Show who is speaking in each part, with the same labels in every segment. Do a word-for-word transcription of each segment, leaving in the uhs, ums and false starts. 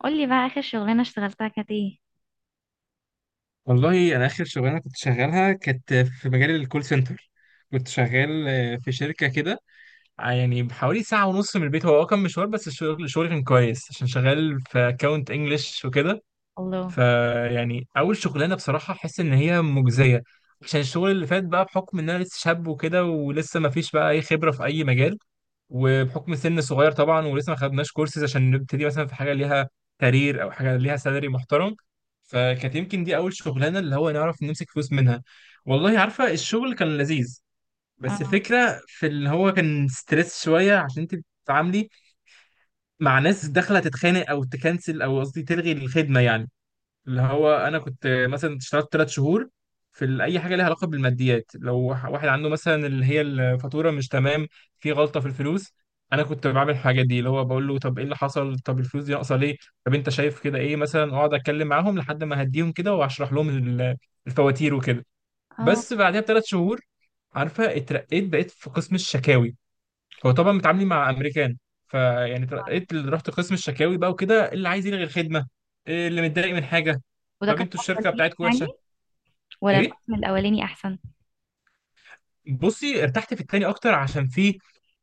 Speaker 1: قولي بقى آخر شغلانة اشتغلتها كانت ايه؟
Speaker 2: والله انا اخر شغلانه كنت شغالها كانت في مجال الكول سنتر. كنت شغال آه، في شركه كده. ع- يعني بحوالي ساعه ونص من البيت، هو آه، كان مشوار، بس الشغل الشغل كان كويس عشان شغال في اكونت انجلش وكده.
Speaker 1: الله.
Speaker 2: فيعني اول شغلانه بصراحه احس ان هي مجزيه، عشان الشغل اللي فات بقى بحكم ان انا لسه شاب وكده، ولسه ما فيش بقى اي خبره في اي مجال، وبحكم سن صغير طبعا، ولسه ما خدناش كورسز عشان نبتدي مثلا في حاجه ليها كارير او حاجه ليها سالري محترم. فكانت يمكن دي اول شغلانه اللي هو نعرف نمسك فلوس منها. والله عارفه الشغل كان لذيذ،
Speaker 1: اه،
Speaker 2: بس الفكره في اللي هو كان ستريس شويه، عشان انت بتتعاملي مع ناس داخله تتخانق او تكنسل، او قصدي تلغي الخدمه يعني. اللي هو انا كنت مثلا اشتغلت تلات شهور في ال- اي حاجه ليها علاقه بالماديات. لو واحد واحد عنده مثلا اللي هي الفاتوره مش تمام، في غلطه في الفلوس، انا كنت بعمل الحاجات دي، اللي هو بقول له طب ايه اللي حصل، طب الفلوس دي ناقصه ليه، طب انت شايف كده ايه مثلا. اقعد اتكلم معاهم لحد ما اهديهم كده واشرح لهم ال- الفواتير وكده.
Speaker 1: اه.
Speaker 2: بس بعدها بثلاث شهور، عارفه، اترقيت، بقيت في قسم الشكاوي. هو طبعا متعاملين مع امريكان. فيعني ترقيت، ال- رحت قسم الشكاوي بقى وكده، اللي عايز يلغي الخدمه، إيه اللي متضايق من حاجه،
Speaker 1: وده
Speaker 2: طب
Speaker 1: كان
Speaker 2: انتوا
Speaker 1: افضل
Speaker 2: الشركه
Speaker 1: ليك
Speaker 2: بتاعتكم وحشه.
Speaker 1: يعني، ولا
Speaker 2: ايه؟
Speaker 1: القسم الاولاني احسن؟
Speaker 2: بصي ارتحت في التاني اكتر، عشان فيه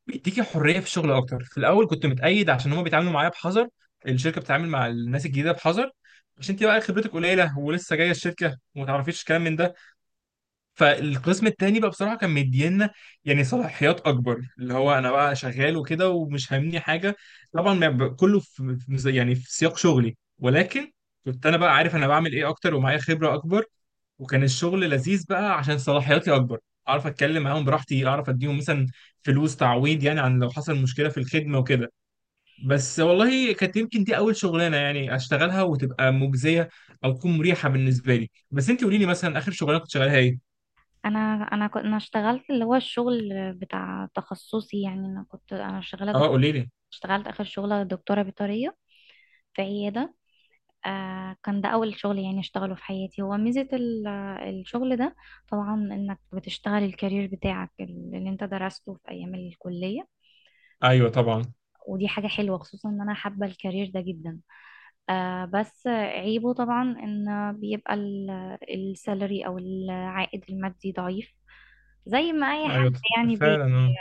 Speaker 2: بيديكي حريه في الشغل اكتر. في الاول كنت متقيد، عشان هما بيتعاملوا معايا بحذر، الشركه بتتعامل مع الناس الجديده بحذر، عشان انت بقى خبرتك قليله ولسه جايه الشركه وما تعرفيش كلام من ده. فالقسم التاني بقى بصراحة كان مدينا يعني صلاحيات أكبر، اللي هو أنا بقى شغال وكده ومش فاهمني حاجة. طبعا ما ب- كله في في- زي- يعني في سياق شغلي، ولكن كنت أنا بقى عارف أنا بعمل إيه أكتر ومعايا خبرة أكبر. وكان الشغل لذيذ بقى عشان صلاحياتي أكبر، أعرف أتكلم معاهم براحتي، أعرف أديهم مثلا فلوس تعويض يعني، عن لو حصل مشكلة في الخدمة وكده. بس والله كانت يمكن دي أول شغلانة يعني أشتغلها وتبقى مجزية أو تكون مريحة بالنسبة لي. بس أنت قولي لي مثلا، آخر شغلانة كنت شغالها إيه؟
Speaker 1: انا انا كنت انا اشتغلت اللي هو الشغل بتاع تخصصي، يعني انا كنت انا شغاله
Speaker 2: أه
Speaker 1: دك...
Speaker 2: قولي لي.
Speaker 1: اشتغلت اخر شغله دكتوره بيطريه في عياده. آه كان ده اول شغل يعني اشتغله في حياتي. هو ميزه ال- الشغل ده طبعا انك بتشتغل الكارير بتاعك اللي انت درسته في ايام الكليه.
Speaker 2: ايوه طبعا.
Speaker 1: ودي حاجه حلوه، خصوصا ان انا حابه الكارير ده جدا. آه بس عيبه طبعا ان بيبقى ال- السالري او العائد المادي ضعيف، زي ما اي
Speaker 2: ايوه
Speaker 1: حد
Speaker 2: ط-
Speaker 1: يعني بي
Speaker 2: فعلا، اه.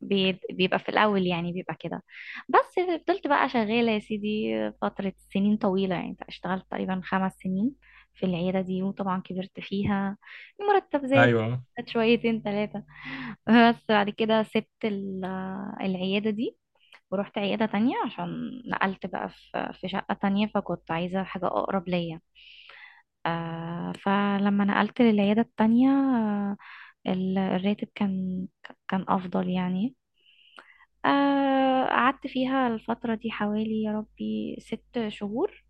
Speaker 1: بي بيبقى في الاول، يعني بيبقى كده. بس فضلت بقى شغالة يا سيدي فترة سنين طويلة، يعني اشتغلت تقريبا خمس سنين في العيادة دي، وطبعا كبرت فيها المرتب زاد.
Speaker 2: ايوه.
Speaker 1: زاد شويتين ثلاثة. بس بعد كده سبت ال- العيادة دي ورحت عيادة تانية عشان نقلت بقى في في شقة تانية، فكنت عايزة حاجة أقرب ليا. آه فلما نقلت للعيادة التانية، آه ال- الراتب كان كان أفضل يعني. آه قعدت فيها الفترة دي حوالي يا ربي ست شهور.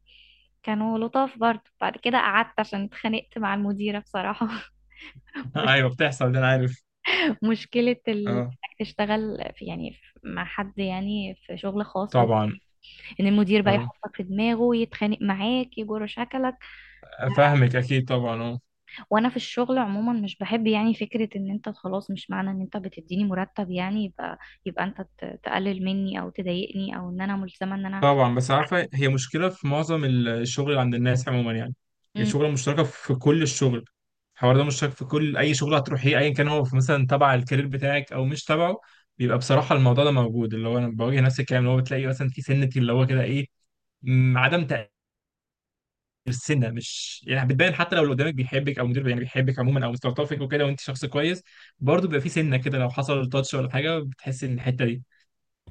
Speaker 1: كانوا لطاف برضه. بعد كده قعدت عشان اتخانقت مع المديرة بصراحة. مش
Speaker 2: ايوه، بتحصل ده، انا عارف.
Speaker 1: مشكلة ال...
Speaker 2: اه
Speaker 1: إنك تشتغل في، يعني، في- مع حد يعني في شغل خاص،
Speaker 2: طبعا.
Speaker 1: ان المدير بقى
Speaker 2: اه،
Speaker 1: يحطك في دماغه يتخانق معاك يجر شكلك.
Speaker 2: فاهمك اكيد طبعا، اه.
Speaker 1: وانا في الشغل عموما مش بحب يعني فكرة ان انت خلاص، مش معنى ان انت بتديني مرتب يعني يبقى يبقى انت ت- تقلل مني او تضايقني او ان انا ملزمة ان انا.
Speaker 2: طبعا، بس عارفه هي مشكله في معظم ال- الشغل اللي عند الناس عموما يعني. هي
Speaker 1: مم.
Speaker 2: شغله مشتركه في كل الشغل، الحوار ده مشترك في كل اي شغل هتروحيه، ايا كان هو في مثلا تبع الكارير بتاعك او مش تبعه، بيبقى بصراحه الموضوع ده موجود. اللي هو انا بواجه نفس الكلام، اللي هو بتلاقي مثلا في سنه، اللي هو كده ايه، م، عدم السنه مش يعني بتبان. حتى لو اللي قدامك بيحبك او مدير يعني بيحبك عموما او مستلطفك وكده، وانت شخص كويس، برضه بيبقى في سنه كده، لو حصل تاتش ولا حاجه بتحس ان الحته دي.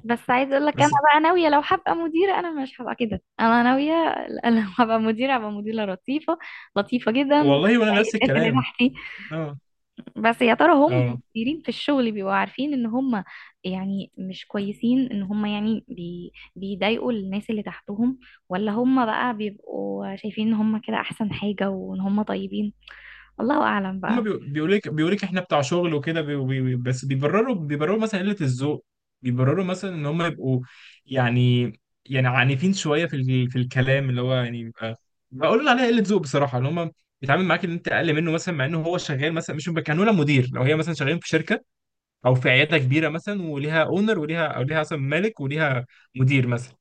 Speaker 1: بس عايز اقول لك، انا
Speaker 2: بس
Speaker 1: بقى ناوية لو هبقى مديرة انا مش هبقى كده. انا ناوية ل- لو هبقى مديرة هبقى مديرة لطيفة، لطيفة جدا
Speaker 2: والله وانا نفس
Speaker 1: الناس اللي
Speaker 2: الكلام،
Speaker 1: تحتي.
Speaker 2: اه،
Speaker 1: بس يا ترى هم
Speaker 2: اه.
Speaker 1: المديرين في الشغل بيبقوا عارفين ان هم يعني مش كويسين، ان هم يعني بي بيضايقوا الناس اللي تحتهم؟ ولا هم بقى بيبقوا شايفين ان هم كده احسن حاجة وان هم طيبين؟ الله اعلم
Speaker 2: هما
Speaker 1: بقى.
Speaker 2: بيقولوا لك، بيقولوا لك احنا بتاع شغل وكده، بي- بي- بي- بس بيبرروا بيبرروا مثلا قله الذوق، بيبرروا مثلا ان هم يبقوا يعني، يعني عنيفين شويه في ال- في الكلام، اللي هو يعني بيبقى، بقول عليها قله ذوق بصراحه. ان هم بيتعامل معاك ان انت اقل منه مثلا، مع انه هو شغال مثلا، مش كانوا مدير. لو هي مثلا شغالين في شركه او في عياده كبيره مثلا، وليها اونر وليها، او ليها اصلا مالك وليها مدير مثلا،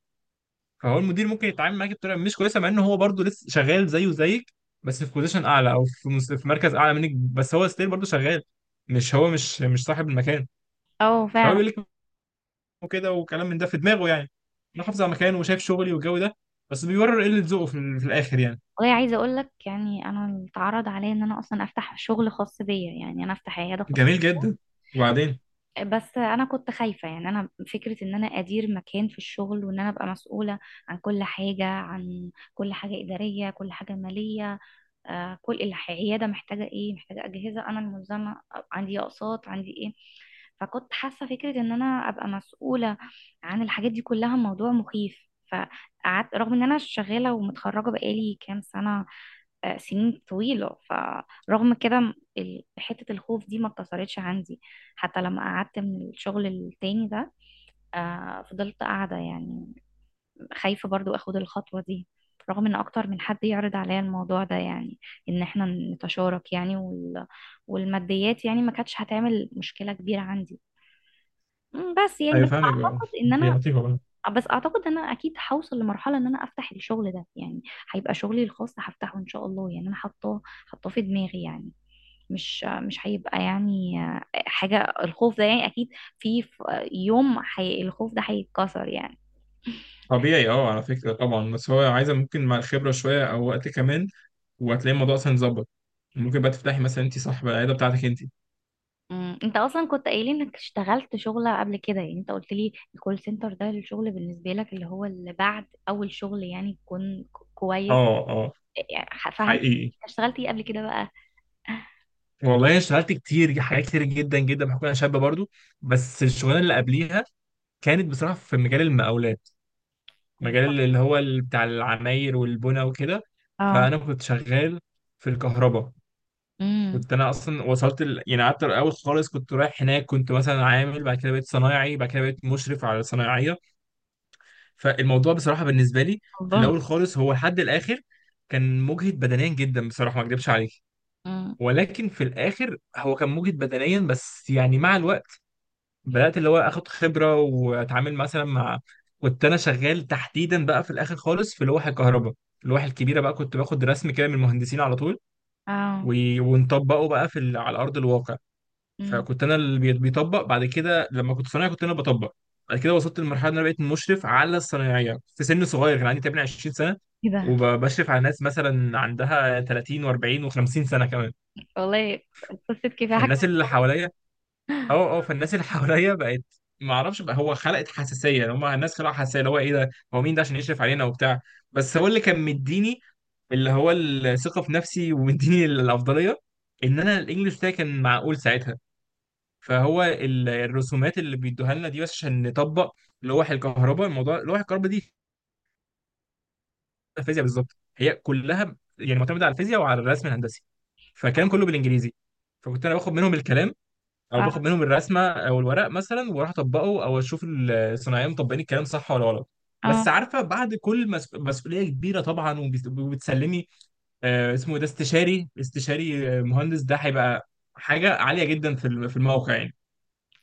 Speaker 2: فهو المدير ممكن يتعامل معاك بطريقه مش كويسه، مع ان هو برضه لسه شغال زيه زيك، بس في بوزيشن اعلى او في مس- في مركز اعلى منك، بس هو ستيل برضه شغال، مش هو مش مش صاحب المكان.
Speaker 1: اه،
Speaker 2: فهو
Speaker 1: فعلا.
Speaker 2: بيقول لك كده، وكلام من ده في دماغه، يعني انا حافظ على مكانه وشايف شغلي والجو ده، بس بيورر قله ذوقه في، ال- في الاخر يعني.
Speaker 1: والله عايزة اقول لك يعني، انا اتعرض عليا ان انا اصلا افتح شغل خاص بيا، يعني انا افتح عيادة خاصة.
Speaker 2: جميل جدا. وبعدين
Speaker 1: بس انا كنت خايفه يعني، انا فكره ان انا ادير مكان في الشغل وان انا ابقى مسؤوله عن كل حاجه، عن كل حاجه اداريه، كل حاجه ماليه. آه كل الح- العياده محتاجه ايه، محتاجه اجهزه، انا الملزمه عندي اقساط، عندي ايه. فكنت حاسه فكره ان انا ابقى مسؤوله عن الحاجات دي كلها، موضوع مخيف. فقعدت رغم ان انا شغاله ومتخرجه بقالي كام سنه، آه، سنين طويلة. فرغم كده ال- حتة الخوف دي ما اتكسرتش عندي حتى لما قعدت من الشغل التاني ده. آه، فضلت قاعدة يعني، خايفة برضو اخد الخطوة دي، رغم ان اكتر من حد يعرض عليا الموضوع ده يعني، ان احنا نتشارك يعني وال... والماديات يعني ما كانتش هتعمل مشكلة كبيرة عندي. مم، بس يعني بس
Speaker 2: هيفهمك بقى
Speaker 1: اعتقد ان
Speaker 2: يا
Speaker 1: انا
Speaker 2: لطيفه بقى.
Speaker 1: بس اعتقد ان انا اكيد هوصل لمرحلة ان انا افتح الشغل ده يعني. هيبقى شغلي الخاص، هفتحه ان شاء الله. يعني انا حاطاه حاطاه في دماغي يعني. مش مش هيبقى يعني حاجة، الخوف ده يعني أكيد في ف- يوم حي الخوف ده هيتكسر يعني.
Speaker 2: طبيعي اه، على فكرة، طبعا، بس هو عايزة ممكن مع الخبرة شوية أو وقت كمان، وهتلاقي الموضوع أصلا اتظبط. ممكن بقى تفتحي مثلا أنت صاحبة العيادة بتاعتك أنت.
Speaker 1: أمم، انت اصلا كنت قايل انك اشتغلت شغلة قبل كده، يعني انت قلت لي الكول سنتر ده الشغل بالنسبة لك اللي هو اللي بعد اول شغل يعني يكون ك-
Speaker 2: اه،
Speaker 1: كويس
Speaker 2: اه،
Speaker 1: يعني، ح- فهمت.
Speaker 2: حقيقي.
Speaker 1: انت اشتغلت ايه قبل كده بقى؟
Speaker 2: والله أنا اشتغلت كتير حاجات، كتير جدا جدا، بحكم أنا شابة برضو. بس الشغلانة اللي قبليها كانت بصراحة في مجال المقاولات، مجال اللي هو ال- بتاع العماير والبنى وكده.
Speaker 1: اه.
Speaker 2: فأنا كنت شغال في الكهرباء.
Speaker 1: امم.
Speaker 2: كنت انا اصلا وصلت ال... يعني قعدت الاول خالص، كنت رايح هناك كنت مثلا عامل، بعد كده بقيت صنايعي، بعد كده بقيت مشرف على صنايعيه. فالموضوع بصراحة بالنسبة لي في
Speaker 1: الله.
Speaker 2: الأول خالص هو لحد الآخر كان مجهد بدنيا جدا بصراحة، ما أكدبش عليك.
Speaker 1: امم.
Speaker 2: ولكن في الآخر هو كان مجهد بدنيا، بس يعني مع الوقت بدأت اللي هو آخد خبرة، وأتعامل مثلا مع، كنت أنا شغال تحديدا بقى في الآخر خالص في لوح الكهرباء. اللوح الكبيرة بقى كنت باخد رسم كده من المهندسين على طول،
Speaker 1: اه.
Speaker 2: و- ونطبقه بقى في ال... على أرض الواقع.
Speaker 1: امم.
Speaker 2: فكنت انا اللي بي- بيطبق، بعد كده لما كنت صنايعي كنت انا بطبق. بعد كده وصلت لمرحله ان انا بقيت مشرف على الصنايعيه في سن صغير، كان عندي تقريبا عشرين سنه،
Speaker 1: ايه ده.
Speaker 2: وبشرف على ناس مثلا عندها تلاتين و40 و50 سنه كمان.
Speaker 1: والله قصة كفاحك في
Speaker 2: فالناس اللي
Speaker 1: الشغل.
Speaker 2: حواليا، اه اه، فالناس اللي حواليا بقت ما اعرفش بقى، هو خلقت حساسيه، يعني هم الناس خلقوا حساسيه، اللي هو ايه ده، هو مين ده عشان يشرف علينا وبتاع. بس هو اللي كان مديني اللي هو الثقه في نفسي ومديني الافضليه، ان انا الانجليش بتاعي كان معقول ساعتها. فهو ال- الرسومات اللي بيدوها لنا دي بس عشان نطبق لوح الكهرباء. الموضوع لوح الكهرباء دي الفيزياء بالظبط، هي كلها يعني معتمده على الفيزياء وعلى الرسم الهندسي، فكان كله بالانجليزي. فكنت انا باخد منهم الكلام، او
Speaker 1: اه.
Speaker 2: باخد منهم الرسمه او الورق مثلا، واروح اطبقه، او اشوف الصناعيه مطبقين الكلام صح ولا غلط. بس
Speaker 1: اه.
Speaker 2: عارفه بعد كل مس... مسؤوليه كبيره طبعا، وبيس- وبتسلمي آه اسمه إيه ده، استشاري، استشاري آه، مهندس. ده هيبقى حاجه عاليه جدا في الم- في الموقع يعني.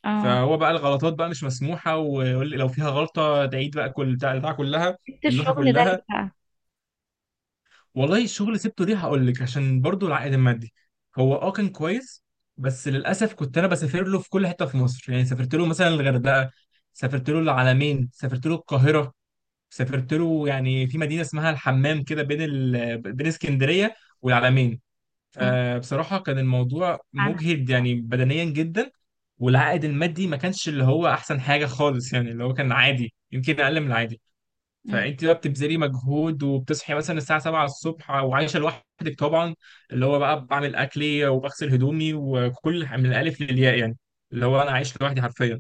Speaker 1: اه.
Speaker 2: فهو بقى الغلطات بقى مش مسموحه، ويقول لي لو فيها غلطه تعيد بقى كل بتاع البتاعه كلها،
Speaker 1: سبت
Speaker 2: اللوحه
Speaker 1: الشغل ده ليه
Speaker 2: كلها.
Speaker 1: بقى؟
Speaker 2: والله الشغل سبته ليه، هقول لك، عشان برضو العائد المادي هو اه كان كويس، بس للاسف كنت انا بسافر له في كل حته في مصر، يعني سافرت له مثلا الغردقه، سافرت له العلمين، سافرت له القاهره، سافرت له يعني في مدينه اسمها الحمام كده، بين ال... بين اسكندريه والعلمين.
Speaker 1: امم.
Speaker 2: آه، بصراحة كان الموضوع
Speaker 1: عنها.
Speaker 2: مجهد يعني بدنيا جدا. والعائد المادي ما كانش اللي هو أحسن حاجة خالص، يعني اللي هو كان عادي، يمكن أقل من العادي.
Speaker 1: م-
Speaker 2: فأنت بقى بتبذلي مجهود، وبتصحي مثلا الساعة سبعة الصبح، وعايشة لوحدك طبعا، اللي هو بقى بعمل أكلي وبغسل هدومي وكل من الألف للياء يعني، اللي هو أنا عايش لوحدي حرفيا.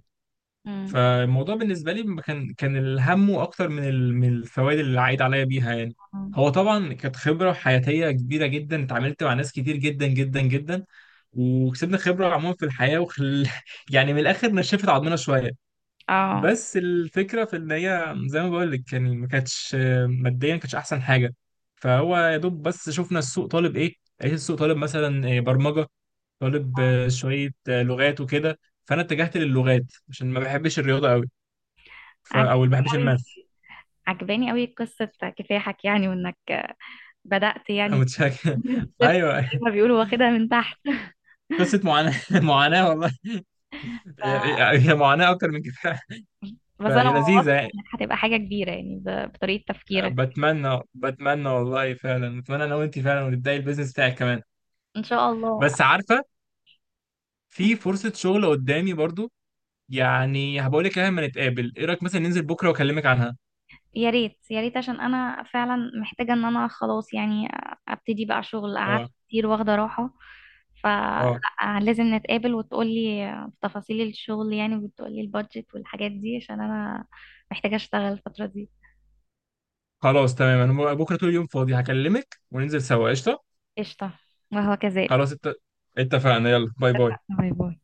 Speaker 1: م.
Speaker 2: فالموضوع بالنسبة لي ما كان، كان الهم أكتر من ال- من الفوائد اللي عايد عليا بيها يعني.
Speaker 1: مم.
Speaker 2: هو طبعا كانت خبرة حياتية كبيرة جدا، اتعاملت مع ناس كتير جدا جدا جدا، وكسبنا خبرة عموما في الحياة وخل... يعني من الآخر نشفت عضمنا شوية.
Speaker 1: اه.
Speaker 2: بس الفكرة في إن هي زي ما بقول لك، يعني ما كانتش ماديا، ما كانتش أحسن حاجة. فهو يا دوب بس شفنا السوق طالب إيه، لقيت السوق طالب مثلا برمجة، طالب شوية لغات وكده. فأنا اتجهت للغات عشان ما بحبش الرياضة أوي، ف...
Speaker 1: عجباني
Speaker 2: او اللي ما بيحبش
Speaker 1: قوي،
Speaker 2: الماث.
Speaker 1: عجباني قوي قصة كفاحك يعني، وانك بدأت يعني،
Speaker 2: متشكر
Speaker 1: من الصفر زي
Speaker 2: ايوه.
Speaker 1: ما بيقولوا واخدها من تحت.
Speaker 2: قصه معاناه معاناه والله.
Speaker 1: ف...
Speaker 2: هي هي معاناه اكتر من كفايه،
Speaker 1: بس انا
Speaker 2: فهي لذيذه
Speaker 1: واثقة
Speaker 2: يعني.
Speaker 1: انك هتبقى حاجة كبيرة يعني، ب... بطريقة تفكيرك.
Speaker 2: بتمنى، بتمنى والله فعلا، بتمنى انا وانت فعلا، وتبداي البيزنس بتاعك كمان.
Speaker 1: ان شاء الله.
Speaker 2: بس عارفه في فرصه شغل قدامي برضو، يعني هبقول لك عليها لما نتقابل. ايه رايك مثلا ننزل بكره واكلمك عنها؟
Speaker 1: يا ريت يا ريت عشان انا فعلا محتاجة ان انا خلاص، يعني ابتدي بقى شغل، قعدت
Speaker 2: اه،
Speaker 1: كتير واخدة راحة.
Speaker 2: اه،
Speaker 1: فلازم نتقابل وتقولي تفاصيل الشغل، يعني وتقولي البادجت والحاجات دي عشان انا محتاجة اشتغل الفترة دي.
Speaker 2: خلاص تمام، انا بكره طول اليوم فاضي، هكلمك وننزل سوا، قشطه.
Speaker 1: قشطة. وهو كذلك.
Speaker 2: خلاص ات... اتفقنا، يلا، باي باي.
Speaker 1: باي باي.